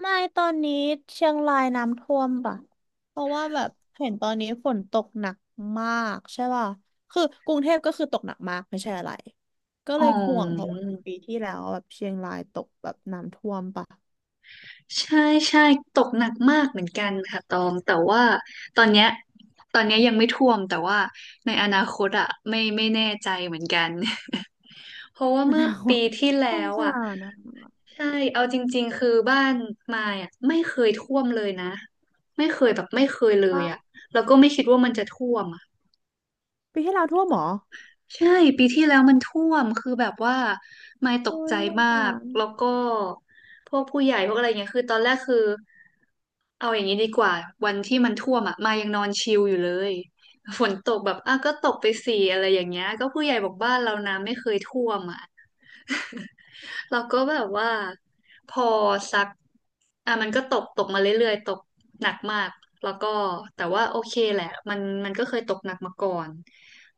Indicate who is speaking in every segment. Speaker 1: ไม่ตอนนี้เชียงรายน้ำท่วมป่ะเพราะว่าแบบเห็นตอนนี้ฝนตกหนักมากใช่ป่ะคือกรุงเทพก็คือตกหนักมากไม่ใช่อะไรก็
Speaker 2: อ๋
Speaker 1: เล
Speaker 2: อ
Speaker 1: ยห่วงเพราะว่าปีที่แล้วแบบเชียงรายตกแบบน้ำท่วมป่ะ
Speaker 2: ใช่ใช่ตกหนักมากเหมือนกันค่ะตองแต่ว่าตอนเนี้ยตอนเนี้ยยังไม่ท่วมแต่ว่าในอนาคตอ่ะไม่แน่ใจเหมือนกัน เพราะว่า
Speaker 1: อ
Speaker 2: เมื่
Speaker 1: นา
Speaker 2: อ
Speaker 1: คต
Speaker 2: ปี ที่
Speaker 1: ส
Speaker 2: แล้
Speaker 1: ง
Speaker 2: ว
Speaker 1: สา
Speaker 2: อ่ะ
Speaker 1: รนะ
Speaker 2: ใช่เอาจริงๆคือบ้านมายอ่ะไม่เคยท่วมเลยนะไม่เคยแบบไม่เคยเล
Speaker 1: ว่า
Speaker 2: ยอ่ะแล้วก็ไม่คิดว่ามันจะท่วมอะ
Speaker 1: ปีที่แล้วท่วมเหรอ
Speaker 2: ใช่ปีที่แล้วมันท่วมคือแบบว่าไม่ต
Speaker 1: โอ้
Speaker 2: กใจ
Speaker 1: ยสง
Speaker 2: มา
Speaker 1: สา
Speaker 2: ก
Speaker 1: ร
Speaker 2: แล้วก็พวกผู้ใหญ่พวกอะไรเงี้ยคือตอนแรกคือเอาอย่างนี้ดีกว่าวันที่มันท่วมอ่ะมายังนอนชิลอยู่เลยฝนตกแบบอ่ะก็ตกไปสี่อะไรอย่างเงี้ยก็ผู้ใหญ่บอกบ้านเราน้ำไม่เคยท่วมอ่ะ เราก็แบบว่าพอซักอ่ะมันก็ตกมาเรื่อยๆตกหนักมากแล้วก็แต่ว่าโอเคแหละมันก็เคยตกหนักมาก่อน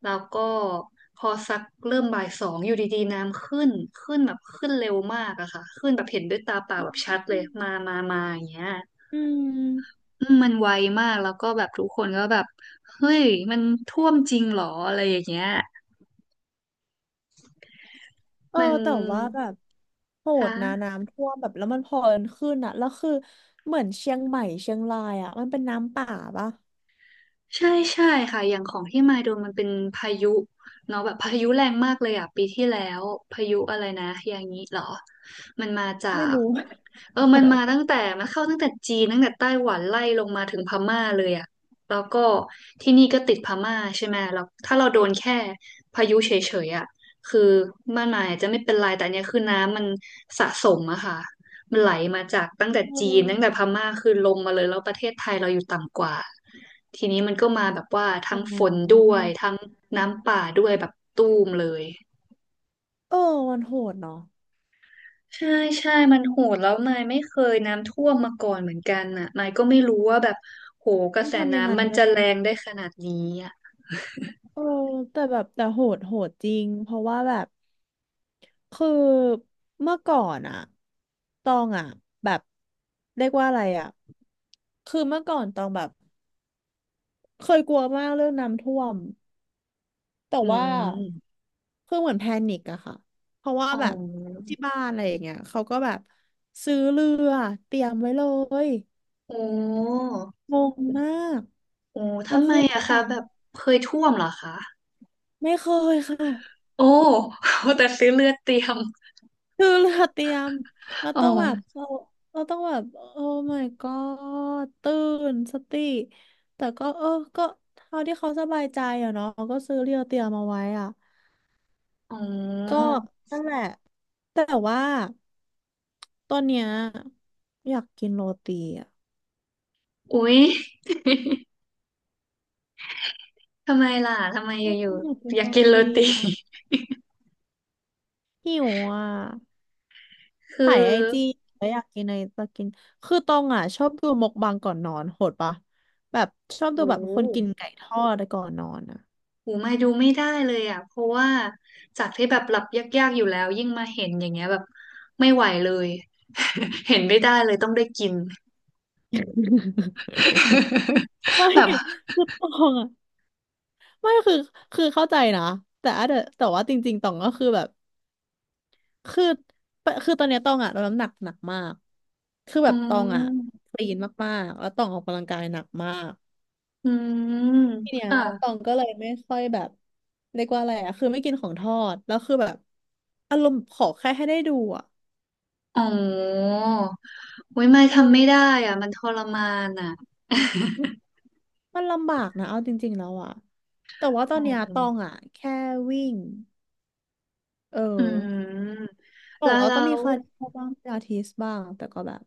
Speaker 2: แล้วก็พอซักเริ่มบ่ายสองอยู่ดีๆน้ำขึ้นขึ้นแบบขึ้นเร็วมากอะค่ะขึ้นแบบเห็นด้วยตาเปล่าแบบชัดเลยมาอย่างเงี้ย
Speaker 1: อืม
Speaker 2: อืมมันไวมากแล้วก็แบบทุกคนก็แบบเฮ้ยมันท่วมจริงเหรออะไรอย่างเงี้ย
Speaker 1: เออ
Speaker 2: มัน
Speaker 1: แต่ว่าแบบโห
Speaker 2: ค
Speaker 1: ดนะ
Speaker 2: ่ะ
Speaker 1: น้ำท่วมแบบแล้วมันพอกันขึ้นอะแล้วคือเหมือนเชียงใหม่เชียงรายอะมันเป็นน้ำป่าปะ
Speaker 2: ใช่ใช่ค่ะอย่างของที่มาโดนมันเป็นพายุเนาะแบบพายุแรงมากเลยอ่ะปีที่แล้วพายุอะไรนะอย่างนี้เหรอมันมาจา
Speaker 1: ไม่
Speaker 2: ก
Speaker 1: รู้
Speaker 2: มันมาตั้
Speaker 1: เ
Speaker 2: งแต่มันเข้าตั้งแต่จีนตั้งแต่ไต้หวันไล่ลงมาถึงพม่าเลยอ่ะแล้วก็ที่นี่ก็ติดพม่าใช่ไหมแล้วถ้าเราโดนแค่พายุเฉยๆอ่ะคือบ้านนายอาจจะไม่เป็นไรแต่อันเนี้ยคือน้ำมันสะสมอะค่ะ ไหลมาจากตั้งแต่จีนตั้งแต่
Speaker 1: ออ
Speaker 2: พม่าคือลงมาเลยแล้วประเทศไทยเราอยู่ต่ำกว่าทีนี้มันก็มาแบบว่า
Speaker 1: อ่
Speaker 2: ทั้งฝน
Speaker 1: า
Speaker 2: ด้วยทั้งน้ำป่าด้วยแบบตูมเลย
Speaker 1: เออมันโหดเนาะ
Speaker 2: ใช่ใช่มันโหดแล้วมายไม่เคยน้ำท่วมมาก่อนเหมือนกันอ่ะมายก็ไม่รู้ว่าแบบโหกระ
Speaker 1: ต้อง
Speaker 2: แส
Speaker 1: ทำยังไง
Speaker 2: น้ำมัน
Speaker 1: ด้วย
Speaker 2: จะแร
Speaker 1: วะ
Speaker 2: งได้ขนาดนี้อ่ะ
Speaker 1: เออแต่แบบแต่โหดจริงเพราะว่าแบบคือเมื่อก่อนอะตองอะแบบเรียกว่าอะไรอะคือเมื่อก่อนตองแบบเคยกลัวมากเรื่องน้ำท่วมแต่
Speaker 2: อื
Speaker 1: ว่า
Speaker 2: ม
Speaker 1: คือเหมือนแพนิคอะค่ะเพราะว่า
Speaker 2: อ๋อ
Speaker 1: แบบที่บ้านอะไรอย่างเงี้ยเขาก็แบบซื้อเรือเตรียมไว้เลย
Speaker 2: โอ้
Speaker 1: งงมาก
Speaker 2: โอ้
Speaker 1: แล้ว
Speaker 2: ทำไม
Speaker 1: คือต้อ
Speaker 2: อะคะ
Speaker 1: ง
Speaker 2: แบบเคยท่วมเหรอคะ
Speaker 1: ไม่เคยค่ะ
Speaker 2: โอ้ แต่ซื้อเลือดเตรียม
Speaker 1: คือเราเตรียมเรา
Speaker 2: อ๋อ
Speaker 1: ต้องแบบเราต้องแบบโอ้ my god ตื่นสติแต่ก็เออก็เท่าที่เขาสบายใจอะเนาะก็ซื้อเรียวเตรียมมาไว้อ่ะ
Speaker 2: อ๋
Speaker 1: ก็
Speaker 2: อ
Speaker 1: นั่นแหละแต่ว่าตอนเนี้ยอยากกินโรตีอ่ะ
Speaker 2: อุ๊ยทำไมล่ะ ทำไมอ
Speaker 1: ก็
Speaker 2: ยู่
Speaker 1: ต้องอยากกิ
Speaker 2: ๆ
Speaker 1: น
Speaker 2: อยา
Speaker 1: โร
Speaker 2: กกินโร
Speaker 1: ตี
Speaker 2: ตี
Speaker 1: อะ หิวอ่ะ
Speaker 2: คือ
Speaker 1: ถ่ายไอจีแล้วอยากกินอะไรจะกินคือตองอ่ะชอบดูมกบังก่อนนอนโหดปะแบบชอบดู
Speaker 2: หู
Speaker 1: แบบคนกินไก่ทอดก่อนนอนอ่ะ
Speaker 2: หูมาดูไม่ได้เลยอ่ะเพราะว่าจากที่แบบหลับยากๆอยู่แล้วยิ่งมาเห็นอย่างเงี้ยแบบไม่ไหวเลย เห็นไม่ได้เลยต้องได้กิน
Speaker 1: ไม่
Speaker 2: แบบ
Speaker 1: คือตองอ่ะไม่คือคือเข้าใจนะแต่อาจจะแต่ว่าจริงๆตองก็คือแบบคือคือตอนเนี้ยตองอ่ะลดน้ำหนักหนักมากคือ
Speaker 2: อื
Speaker 1: แบบตองอ่ะ
Speaker 2: ม
Speaker 1: คลีนมากๆแล้วตองออกกำลังกายหนักมาก
Speaker 2: อืม
Speaker 1: ทีเนี้ยตอ
Speaker 2: ค่ะ
Speaker 1: งก็เลยไม่ค่อยแบบเรียกว่าอะไรอะคือไม่กินของทอดแล้วคือแบบอารมณ์ขอแค่ให้ได้ดูอะ
Speaker 2: อ๋ออุ๊ยไม่
Speaker 1: เอ
Speaker 2: ทำไม่ได้
Speaker 1: อ
Speaker 2: อ่ะมันทรมานอ่ะ
Speaker 1: มันลำบากนะเอาจริงๆแล้วอะแต่ ว่าตอ
Speaker 2: อ๋
Speaker 1: น
Speaker 2: อ
Speaker 1: เนี้ยตองอะแค่วิ่งเออ
Speaker 2: อืม
Speaker 1: บอ
Speaker 2: แล้
Speaker 1: ก
Speaker 2: ว
Speaker 1: ว่า
Speaker 2: แล้
Speaker 1: ก็มี
Speaker 2: ว
Speaker 1: คาร์ดิโอบ้างพิลาทิสบ้างแต่ก็แบบ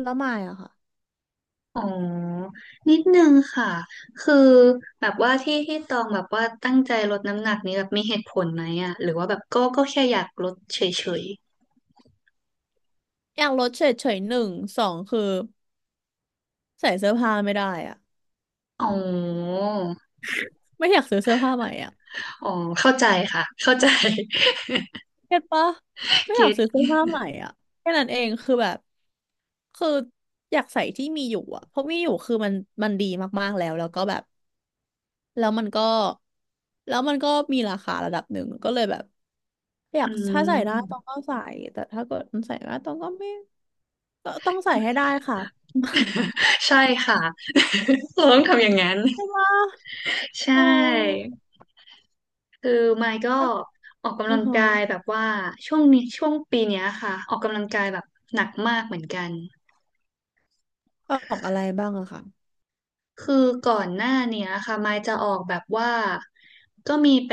Speaker 1: แล้วไม่อะค่ะ
Speaker 2: อ๋อ นิดนึงค่ะ คือแบบว่าที่ตองแบบว่าตั้งใจลดน้ำหนักนี้แบบมีเหตุผลไหมอะหรือว่าแบบก็แค่อยากลดเฉย
Speaker 1: อยากลดเฉยๆหนึ่งสองคือใส่เสื้อผ้าไม่ได้อะ
Speaker 2: ๆอ๋อ
Speaker 1: ไม่อยากซื้อเสื้อผ้าใหม่อะ
Speaker 2: อ๋อ เข้าใจค่ะ เข้าใจ
Speaker 1: เก็ตปะ ไม่อยา
Speaker 2: เก็
Speaker 1: ก
Speaker 2: ต
Speaker 1: ซื้อเสื้อผ้าใหม่อ่ะแค่นั้นเองคือแบบคืออยากใส่ที่มีอยู่อ่ะเพราะมีอยู่คือมันดีมากๆแล้วแล้วก็แบบแล้วมันก็แล้วมันก็มีราคาระดับหนึ่งก็เลยแบบอยา
Speaker 2: อื
Speaker 1: กถ้าใส่ได้ต้อ
Speaker 2: ม
Speaker 1: งก็ใส่แต่ถ้าเกิดมันใส่ไม่ได้ต้องก็ไม่ตต้องใส่ให้ได้ค่ะ
Speaker 2: ใช่ค่ะ เราต้องทำอย่างนั้น
Speaker 1: ใช่ปะ
Speaker 2: ใช่
Speaker 1: อ๋อ
Speaker 2: คือไมค์ก็
Speaker 1: อ่ะ
Speaker 2: ออกกำ
Speaker 1: อ๋อ
Speaker 2: ลัง
Speaker 1: ฮ
Speaker 2: กายแบบว่าช่วงนี้ช่วงปีเนี้ยค่ะออกกำลังกายแบบหนักมากเหมือนกัน
Speaker 1: ะออกอะไรบ้างอะค่ะ
Speaker 2: คือก่อนหน้าเนี้ยค่ะมายจะออกแบบว่าก็มีไป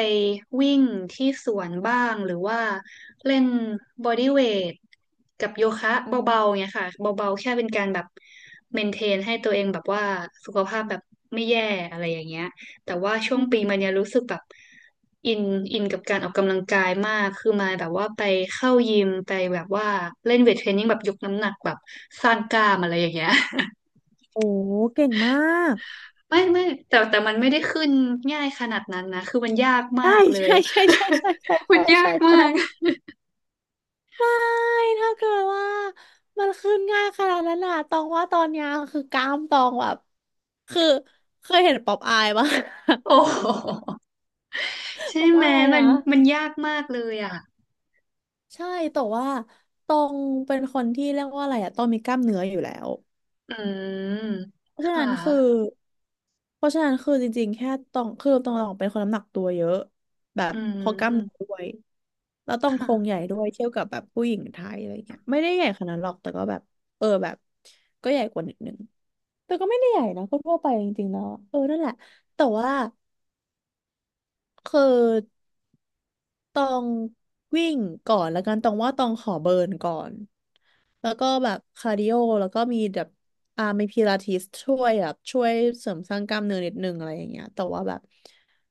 Speaker 2: วิ่งที่สวนบ้างหรือว่าเล่นบอดี้เวทกับโยคะเบาๆเนี้ยค่ะเบาๆแค่เป็นการแบบเมนเทนให้ตัวเองแบบว่าสุขภาพแบบไม่แย่อะไรอย่างเงี้ยแต่ว่าช่ว
Speaker 1: อื
Speaker 2: งปีมาเนี้ย
Speaker 1: ม
Speaker 2: รู้สึกแบบอินอินกับการออกกำลังกายมากคือมายแบบว่าไปเข้ายิมไปแบบว่าเล่นเวทเทรนนิ่งแบบยกน้ำหนักแบบสร้างกล้ามอะไรอย่างเงี้ย
Speaker 1: โอ้เก่งมาก
Speaker 2: ไม่แต่มันไม่ได้ขึ้นง่ายขนาดนั้นนะคือมันยากมา
Speaker 1: ใช่
Speaker 2: กเลย
Speaker 1: ใช่ใช่ใช่ใช่ใช่
Speaker 2: มั
Speaker 1: ใช่
Speaker 2: นยา
Speaker 1: ใช่
Speaker 2: กมา
Speaker 1: ใช่
Speaker 2: ก
Speaker 1: ใช่ถ้าเกิดว่ามันขึ้นง่ายขนาดนั้นน่ะตองว่าตอนเนี้ยคือกล้ามตองแบบคือเคยเห็นป๊อปอายปะ
Speaker 2: โอ้โห ใช่
Speaker 1: ป๊อป
Speaker 2: ไหม
Speaker 1: อาย
Speaker 2: มั
Speaker 1: นะ
Speaker 2: นมันยากมากเลยอ่ะ
Speaker 1: ใช่แต่ว่าตองเป็นคนที่เรียกว่าอะไรอะตองมีกล้ามเนื้ออยู่แล้ว
Speaker 2: อืม
Speaker 1: เพราะฉะ
Speaker 2: ค่ะ
Speaker 1: นั้นคือเพราะฉะนั้นคือจริงๆแค่ตองคือตองเป็นคนน้ำหนักตัวเยอะแบบ
Speaker 2: อื
Speaker 1: เพอกล้ามเนื้อด้
Speaker 2: ม
Speaker 1: วยแล้วต้องโครง
Speaker 2: ค่ะ
Speaker 1: ใหญ่ด้วยเทียบกับแบบผู้หญิงไทยอะไรเงี้ยไม่ได้ใหญ่ขนาดนั้นหรอกแต่ก็แบบเออแบบก็ใหญ่กว่านิดนึง แต่ก็ไม่ได้ใหญ่นะก็ทั่วไปจริงๆแล้วอะเออนั่นแหละแต่ว่าคือตองวิ่งก่อนแล้วกันตองว่าตองขอเบิร์นก่อนแล้วก็แบบคาร์ดิโอแล้วก็มีแบบมีพิลาทิสช่วยแบบช่วยเสริมสร้างกล้ามเนื้อนิดนึงอะไรอย่างเงี้ยแต่ว่าแบบ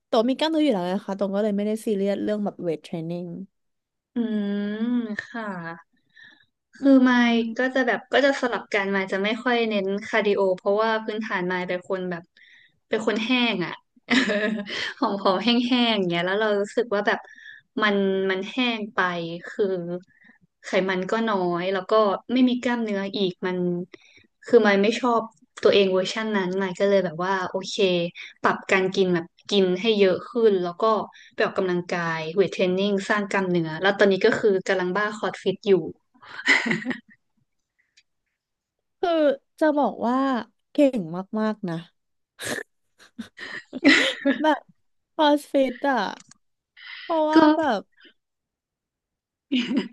Speaker 1: ตัมีกล้ามเนื้ออยู่แล้วนะคะตรงก็เลยไม่ได้ซีเรียสเรื่องแบบเวทเทรนนิ่ง
Speaker 2: อืมค่ะ
Speaker 1: อื
Speaker 2: คือไมค์ก็
Speaker 1: ม
Speaker 2: จะแบบก็จะสลับกันไมค์จะไม่ค่อยเน้นคาร์ดิโอเพราะว่าพื้นฐานไมค์เป็นคนแบบเป็นคนแห้งอ่ะ เออหอมหอมแห้งๆอย่างเงี้ยแล้วเรารู้สึกว่าแบบมันมันแห้งไป คือไขมันก็น้อยแล้วก็ไม่มีกล้ามเนื้ออีกมันคือมนไม่ชอบตัวเองเวอร์ชันนั้นมาก็เลยแบบว่าโอเคปรับการกินแบบกินให้เยอะขึ้นแล้วก็ไปออกกำลังกายเวทเทรนนิ่งสร้างกล้ามเนื้อแล้วตอนนี้ก็คือกำลังบ้าคอร์สฟิตอยู่
Speaker 1: คือจะบอกว่าเก่งมากๆนะ แบบคอสฟิตอ่ะเพราะว่า
Speaker 2: ก็
Speaker 1: แบบ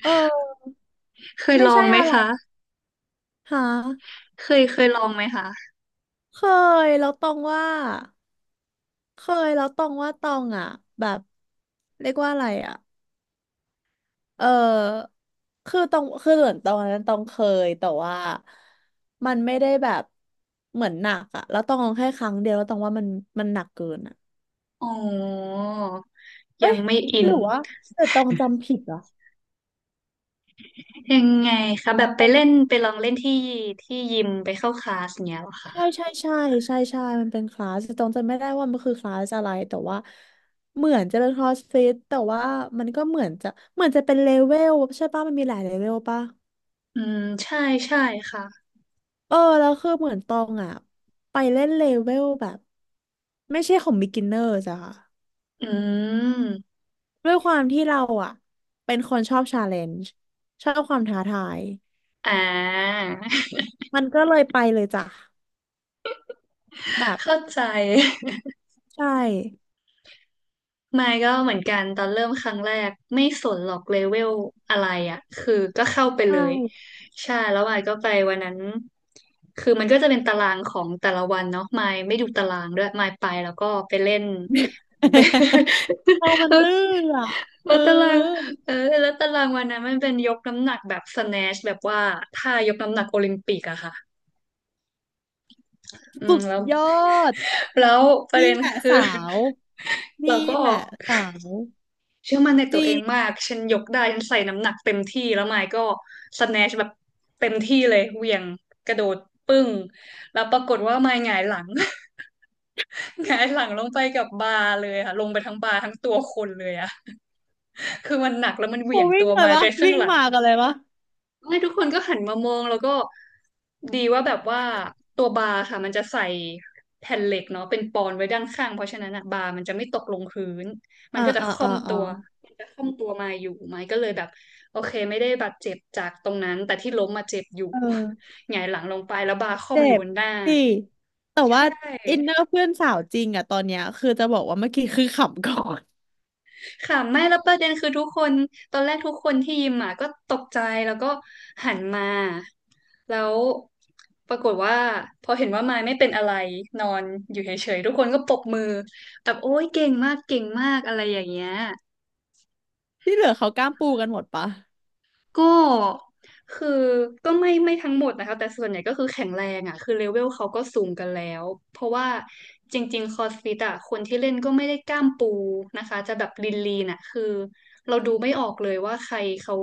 Speaker 1: เออ
Speaker 2: เคย
Speaker 1: ไม่
Speaker 2: ลอ
Speaker 1: ใช่
Speaker 2: งไหม
Speaker 1: อะไร
Speaker 2: คะ
Speaker 1: หา
Speaker 2: เคยลองไหมคะ
Speaker 1: เคยแล้วตองว่าเคยแล้วตองว่าตองอ่ะแบบเรียกว่าอะไรอ่ะเออคือตองคือเหมือนตองนั้นตองเคยแต่ว่ามันไม่ได้แบบเหมือนหนักอ่ะแล้วตองลองแค่ครั้งเดียวแล้วตองว่ามันหนักเกินอ่ะ
Speaker 2: อ๋อ
Speaker 1: เอ้
Speaker 2: ยัง
Speaker 1: ย
Speaker 2: ไม่อิ
Speaker 1: ห
Speaker 2: น
Speaker 1: รือว่าแต่ตองจำผิดเหรอ
Speaker 2: ยังไงคะแบบไปเล่นไปลองเล่นที่ที่ยิมไปเข้าคลาสเงี้ยเหรอคะ
Speaker 1: ใช่ใช่ใช่ใช่ใช่มันเป็นคลาสแต่ตองจำไม่ได้ว่ามันคือคลาสอะไรแต่ว่าเหมือนจะเป็นคลาสฟิตแต่ว่ามันก็เหมือนจะเหมือนจะเป็นเลเวลใช่ป่ะมันมีหลายเลเวลป่ะ
Speaker 2: อืมใช่ใช่ค่ะ
Speaker 1: เออแล้วคือเหมือนตองอ่ะไปเล่นเลเวลแบบไม่ใช่ของ beginner จ้ะค่ะ
Speaker 2: อืม
Speaker 1: ด้วยความที่เราอ่ะเป็นคนชอบ challenge ชอบความท้าทาย
Speaker 2: อ่า
Speaker 1: มันก็เลยไปเลยจ้ะแบบ
Speaker 2: เข้าใจ
Speaker 1: ใช่
Speaker 2: ไม่ก็เหมือนกันตอนเริ่มครั้งแรกไม่สนหรอกเลเวลอะไรอ่ะคือก็เข้าไปเล
Speaker 1: ใช่
Speaker 2: ยใช่แล้วมายก็ไปวันนั้นคือมันก็จะเป็นตารางของแต่ละวันเนาะมายไม่ดูตารางด้วยมายไปแล้วก็ไปเล่น ไป
Speaker 1: เรา มั
Speaker 2: เอ
Speaker 1: น
Speaker 2: อ
Speaker 1: ดื้ออ่ะ
Speaker 2: แล้
Speaker 1: เอ
Speaker 2: วตาราง
Speaker 1: อ
Speaker 2: เออแล้วตารางวันนั้นมันเป็นยกน้ำหนักแบบสแนชแบบว่าท่ายกน้ำหนักโอลิมปิกอะค่ะอืม
Speaker 1: สุด
Speaker 2: แล้ว
Speaker 1: ยอด
Speaker 2: แล้วประ
Speaker 1: นี่
Speaker 2: เด็น
Speaker 1: แหละ
Speaker 2: คือ
Speaker 1: สาว
Speaker 2: เรา
Speaker 1: นี่
Speaker 2: ก็
Speaker 1: แหละสาว
Speaker 2: เชื่อมั่นใน
Speaker 1: จ
Speaker 2: ตัว
Speaker 1: ริ
Speaker 2: เอ
Speaker 1: ง
Speaker 2: งมากฉันยกได้ฉันใส่น้ำหนักเต็มที่แล้วไมค์ก็สแนชแบบเต็มที่เลยเหวี่ยงกระโดดปึ้งแล้วปรากฏว่าไมค์หงายหลัง หงายหลังลงไปกับบาร์เลยค่ะลงไปทั้งบาร์ทั้งตัวคนเลยอะ คือมันหนักแล้วมันเห
Speaker 1: โห
Speaker 2: วี่ยง
Speaker 1: วิ่
Speaker 2: ตั
Speaker 1: ง
Speaker 2: ว
Speaker 1: เล
Speaker 2: ไม
Speaker 1: ย
Speaker 2: ค์
Speaker 1: วะ
Speaker 2: ไปข้าง
Speaker 1: วิ่ง
Speaker 2: หลัง
Speaker 1: มากันเลยวะ
Speaker 2: ไม่ทุกคนก็หันมามองแล้วก็ดีว่าแบบว่าตัวบาร์ค่ะมันจะใส่แผ่นเหล็กเนาะเป็นปอนไว้ด้านข้างเพราะฉะนั้นอะบาร์มันจะไม่ตกลงพื้นมัน
Speaker 1: อ่า
Speaker 2: ก็จะ
Speaker 1: อ่า
Speaker 2: ค่อ
Speaker 1: อ่า
Speaker 2: ม
Speaker 1: อ่า
Speaker 2: ตัวมันจะค่อมตัวมาอยู่ไม้ก็เลยแบบโอเคไม่ได้บาดเจ็บจากตรงนั้นแต่ที่ล้มมาเจ็บอยู่
Speaker 1: เออ
Speaker 2: หงายหลังลงไปแล้วบาร์ค่อม
Speaker 1: เจ็
Speaker 2: อยู่บ
Speaker 1: บ
Speaker 2: นหน้า
Speaker 1: สิแต่
Speaker 2: ใช
Speaker 1: ว่าอินเน
Speaker 2: ่
Speaker 1: อร์เพื่อนสาวจริงอ่ะตอนเนี้ยคือจะบอกว่าเมื่อกี้คือขำก่อน
Speaker 2: ค่ะไม่แล้วประเด็นคือทุกคนตอนแรกทุกคนที่ยิมอ่ะก็ตกใจแล้วก็หันมาแล้วปรากฏว่าพอเห็นว่ามายไม่เป็นอะไรนอนอยู่เฉยๆทุกคนก็ปรบมือแบบโอ๊ยเก่งมากเก่งมากอะไรอย่างเงี้ย
Speaker 1: ที่เหลือเขากล้ามปูกันหมดปะ
Speaker 2: ก็คือก็ไม่ไม่ทั้งหมดนะคะแต่ส่วนใหญ่ก็คือแข็งแรงอ่ะคือเลเวลเขาก็สูงกันแล้วเพราะว่าจริงๆคอสฟิตอ่ะคนที่เล่นก็ไม่ได้กล้ามปูนะคะจะแบบลีนลีน่ะคือเราดูไม่ออกเลยว่าใครเขา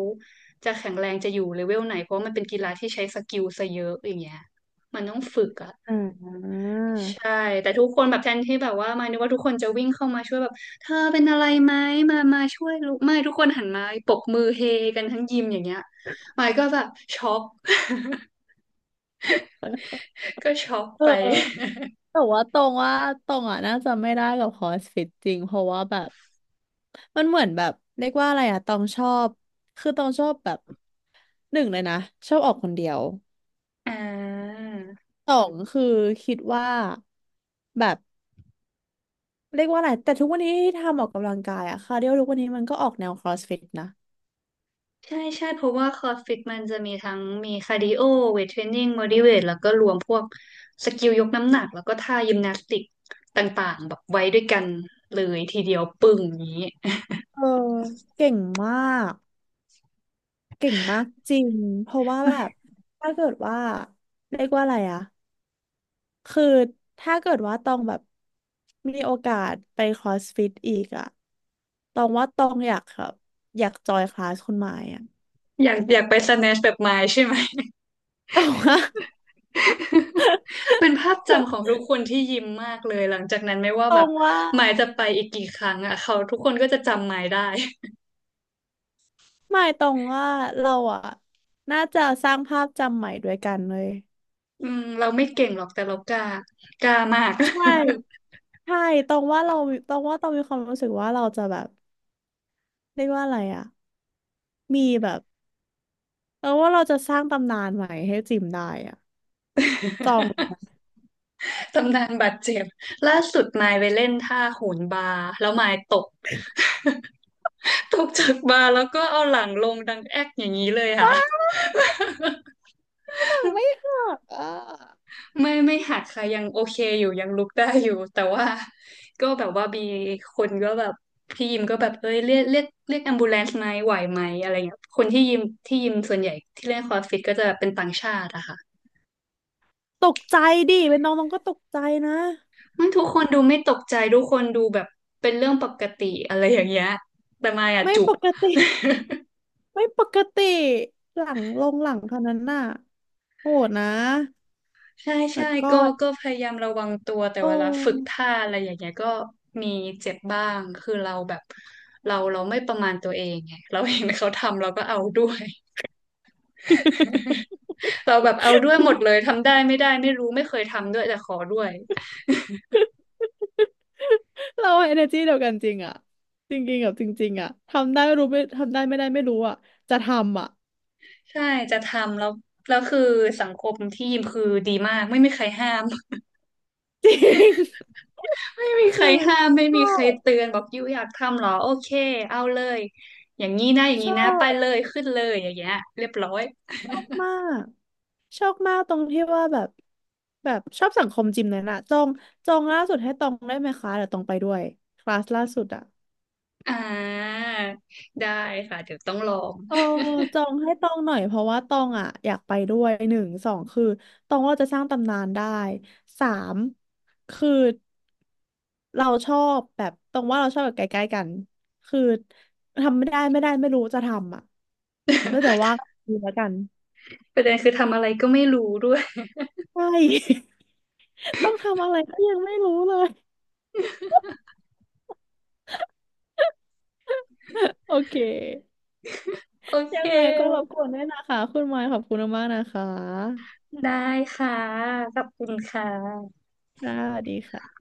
Speaker 2: จะแข็งแรงจะอยู่เลเวลไหนเพราะว่ามันเป็นกีฬาที่ใช้สกิลซะเยอะอย่างเงี้ยมันต้องฝึกอ่ะ
Speaker 1: อ่า
Speaker 2: ใช่แต่ทุกคนแบบแทนที่แบบว่ามานึกว่าทุกคนจะวิ่งเข้ามาช่วยแบบเธอเป็นอะไรไหมมามาช่วยลูกไม่ทุกคนหันมาปรบมือเฮกันทั้งยิมอย่างเงี้ยมายก็แบบช็อก ก็ช็อก
Speaker 1: เอ
Speaker 2: ไป
Speaker 1: อ แต่ว่าตรงว่าตรงอ่ะน่าจะไม่ได้กับคอสฟิตจริงเพราะว่าแบบ มันเหมือนแบบเรียกว่าอะไรอะตองชอบ คือตองชอบแบบหนึ่งเลยนะชอบออกคนเดียว
Speaker 2: อ่า
Speaker 1: สองคือคิดว่าแบบเรียกว่าอะไรแต่ทุกวันนี้ที่ทำออกกำลังกายอะคาร์ดิโอทุกวันนี้มันก็ออกแนวครอสฟิตนะ
Speaker 2: ใช่ใช่เพราะว่าคอร์สฟิตมันจะมีทั้งมีคาร์ดิโอเวทเทรนนิ่งบอดี้เวทแล้วก็รวมพวกสกิลยกน้ำหนักแล้วก็ท่ายิมนาสติกต่างๆแบบไว้ด้วยกันเลยทีเดียวปึ้งอย่างนี้
Speaker 1: เออเก่งมากเก่งมากจริงเพราะว่าแบบถ้าเกิดว่าเรียกว่าอะไรอะคือถ้าเกิดว่าตองแบบมีโอกาสไปครอสฟิตอีกอะตองว่าตองอยากแบบอยากจอยคลาสคุณหมายอะ
Speaker 2: อยากอยากไปสแนชแบบมายใช่ไหม
Speaker 1: ตรงว่า
Speaker 2: เป็นภาพจำของทุกคนที่ยิ้มมากเลยหลังจากนั้นไม่ว่า
Speaker 1: ตร
Speaker 2: แบบ
Speaker 1: งว่า
Speaker 2: หมายจะไปอีกกี่ครั้งอ่ะเขาทุกคนก็จะจำหมายได้
Speaker 1: หมายตรงว่าเราอะน่าจะสร้างภาพจำใหม่ด้วยกันเลย
Speaker 2: อืมเราไม่เก่งหรอกแต่เรากล้ากล้ามาก
Speaker 1: ใช่ใช่ตรงว่าเราตรงว่าตรงมีความรู้สึกว่าเราจะแบบเรียกว่าอะไรอะมีแบบเราว่าเราจะสร้างตำนานใหม่ให้จิมได้อะจองห น
Speaker 2: ตำนานบาดเจ็บล่าสุดมายไปเล่นท่าโหนบาร์แล้วมายตก ตกจากบาร์แล้วก็เอาหลังลงดังแอ๊กอย่างนี้เลยค่ะ
Speaker 1: ังไม่หักอ่ะ
Speaker 2: ไม่ไม่หักค่ะยังโอเคอยู่ยังลุกได้อยู่ แต่ว่าก็แบบว่ามีคนก็แบบพี่ยิมก็แบบเอ้ยเรียกแอมบูเลนซ์ไหมไหวไหมอะไรเงี้ยคนที่ยิมที่ยิมส่วนใหญ่ที่เล่นคอร์สฟิตก็จะเป็นต่างชาติอะค่ะ
Speaker 1: ตกใจดิเป็นน้องน้องก็ตกใจนะ
Speaker 2: มันทุกคนดูไม่ตกใจทุกคนดูแบบเป็นเรื่องปกติอะไรอย่างเงี้ยแต่มายอะ
Speaker 1: ไม่
Speaker 2: จุ
Speaker 1: ป
Speaker 2: ก
Speaker 1: กติไม่ปกติหลังลงหลังเท่านั้นน่ะโหดนะ
Speaker 2: ใช่ใช่
Speaker 1: แล้วก็
Speaker 2: ก็ก็พยายามระวังตัวแต่
Speaker 1: โอ
Speaker 2: เวลาฝึก
Speaker 1: ้
Speaker 2: ท่าอะไรอย่างเงี้ยก็มีเจ็บบ้างคือเราแบบเราไม่ประมาณตัวเองไงเราเห็นเขาทำเราก็เอาด้วย เราแบบเอาด้วยหมดเลยทำได้ไม่ได้ไม่รู้ไม่เคยทำด้วยแต่ขอด้วย
Speaker 1: เราเอเนอร์จีเดียวกันจริงอะจริงๆกับจริงๆอะทำได้ไม่รู้ไม่ทำได้ไม่ได้ไม่รู้อะจะทำอะ
Speaker 2: ใช่จะทำแล้วแล้วคือสังคมที่ยิมคือดีมากไม่มีใครห้าม
Speaker 1: จริง
Speaker 2: ไม่ มีใค
Speaker 1: คื
Speaker 2: ร
Speaker 1: อ
Speaker 2: ห้ามไม่
Speaker 1: ช
Speaker 2: มี
Speaker 1: อ
Speaker 2: ใคร
Speaker 1: บ
Speaker 2: เตือนบอกยูอยากทำเหรอโอเคเอาเลยอย่างนี้นะอย่าง
Speaker 1: ช
Speaker 2: นี้
Speaker 1: อ
Speaker 2: นะไป
Speaker 1: บ
Speaker 2: เลยขึ้นเลยอย่างเงี้ยเรียบร้อย
Speaker 1: ชอบมากชอบมากตรงที่ว่าแบบแบบชอบสังคมจิมเลยน่ะจองล่าสุดให้ตองได้ไหมคะเดี๋ยวตองไปด้วยคลาสล่าสุดอะ
Speaker 2: อ่าได้ค่ะเดี๋ยวต้องลอง
Speaker 1: เออจองให้ตองหน่อยเพราะว่าตองอ่ะอยากไปด้วยหนึ่งสองคือตองว่าเราจะสร้างตำนานได้สามคือเราชอบแบบตองว่าเราชอบแบบใกล้ๆกันคือทำไม่ได้ไม่ได้ไม่รู้จะทำอ่ะแล้วเดี๋ยวว่าดูแล้วกัน
Speaker 2: ประเด็นคือทำอะไรก็ไม่รู้ด้วย
Speaker 1: ใช่ ต้องทำอะไรก็ยังไม่รู้เลยโอเค
Speaker 2: โอเค
Speaker 1: ยังไงก็รบกวนด้วยนะคะคุณมายขอบคุณมากๆนะคะ
Speaker 2: ได้ค่ะขอบคุณค่ะ
Speaker 1: ค่ะสวัสดีค่ะ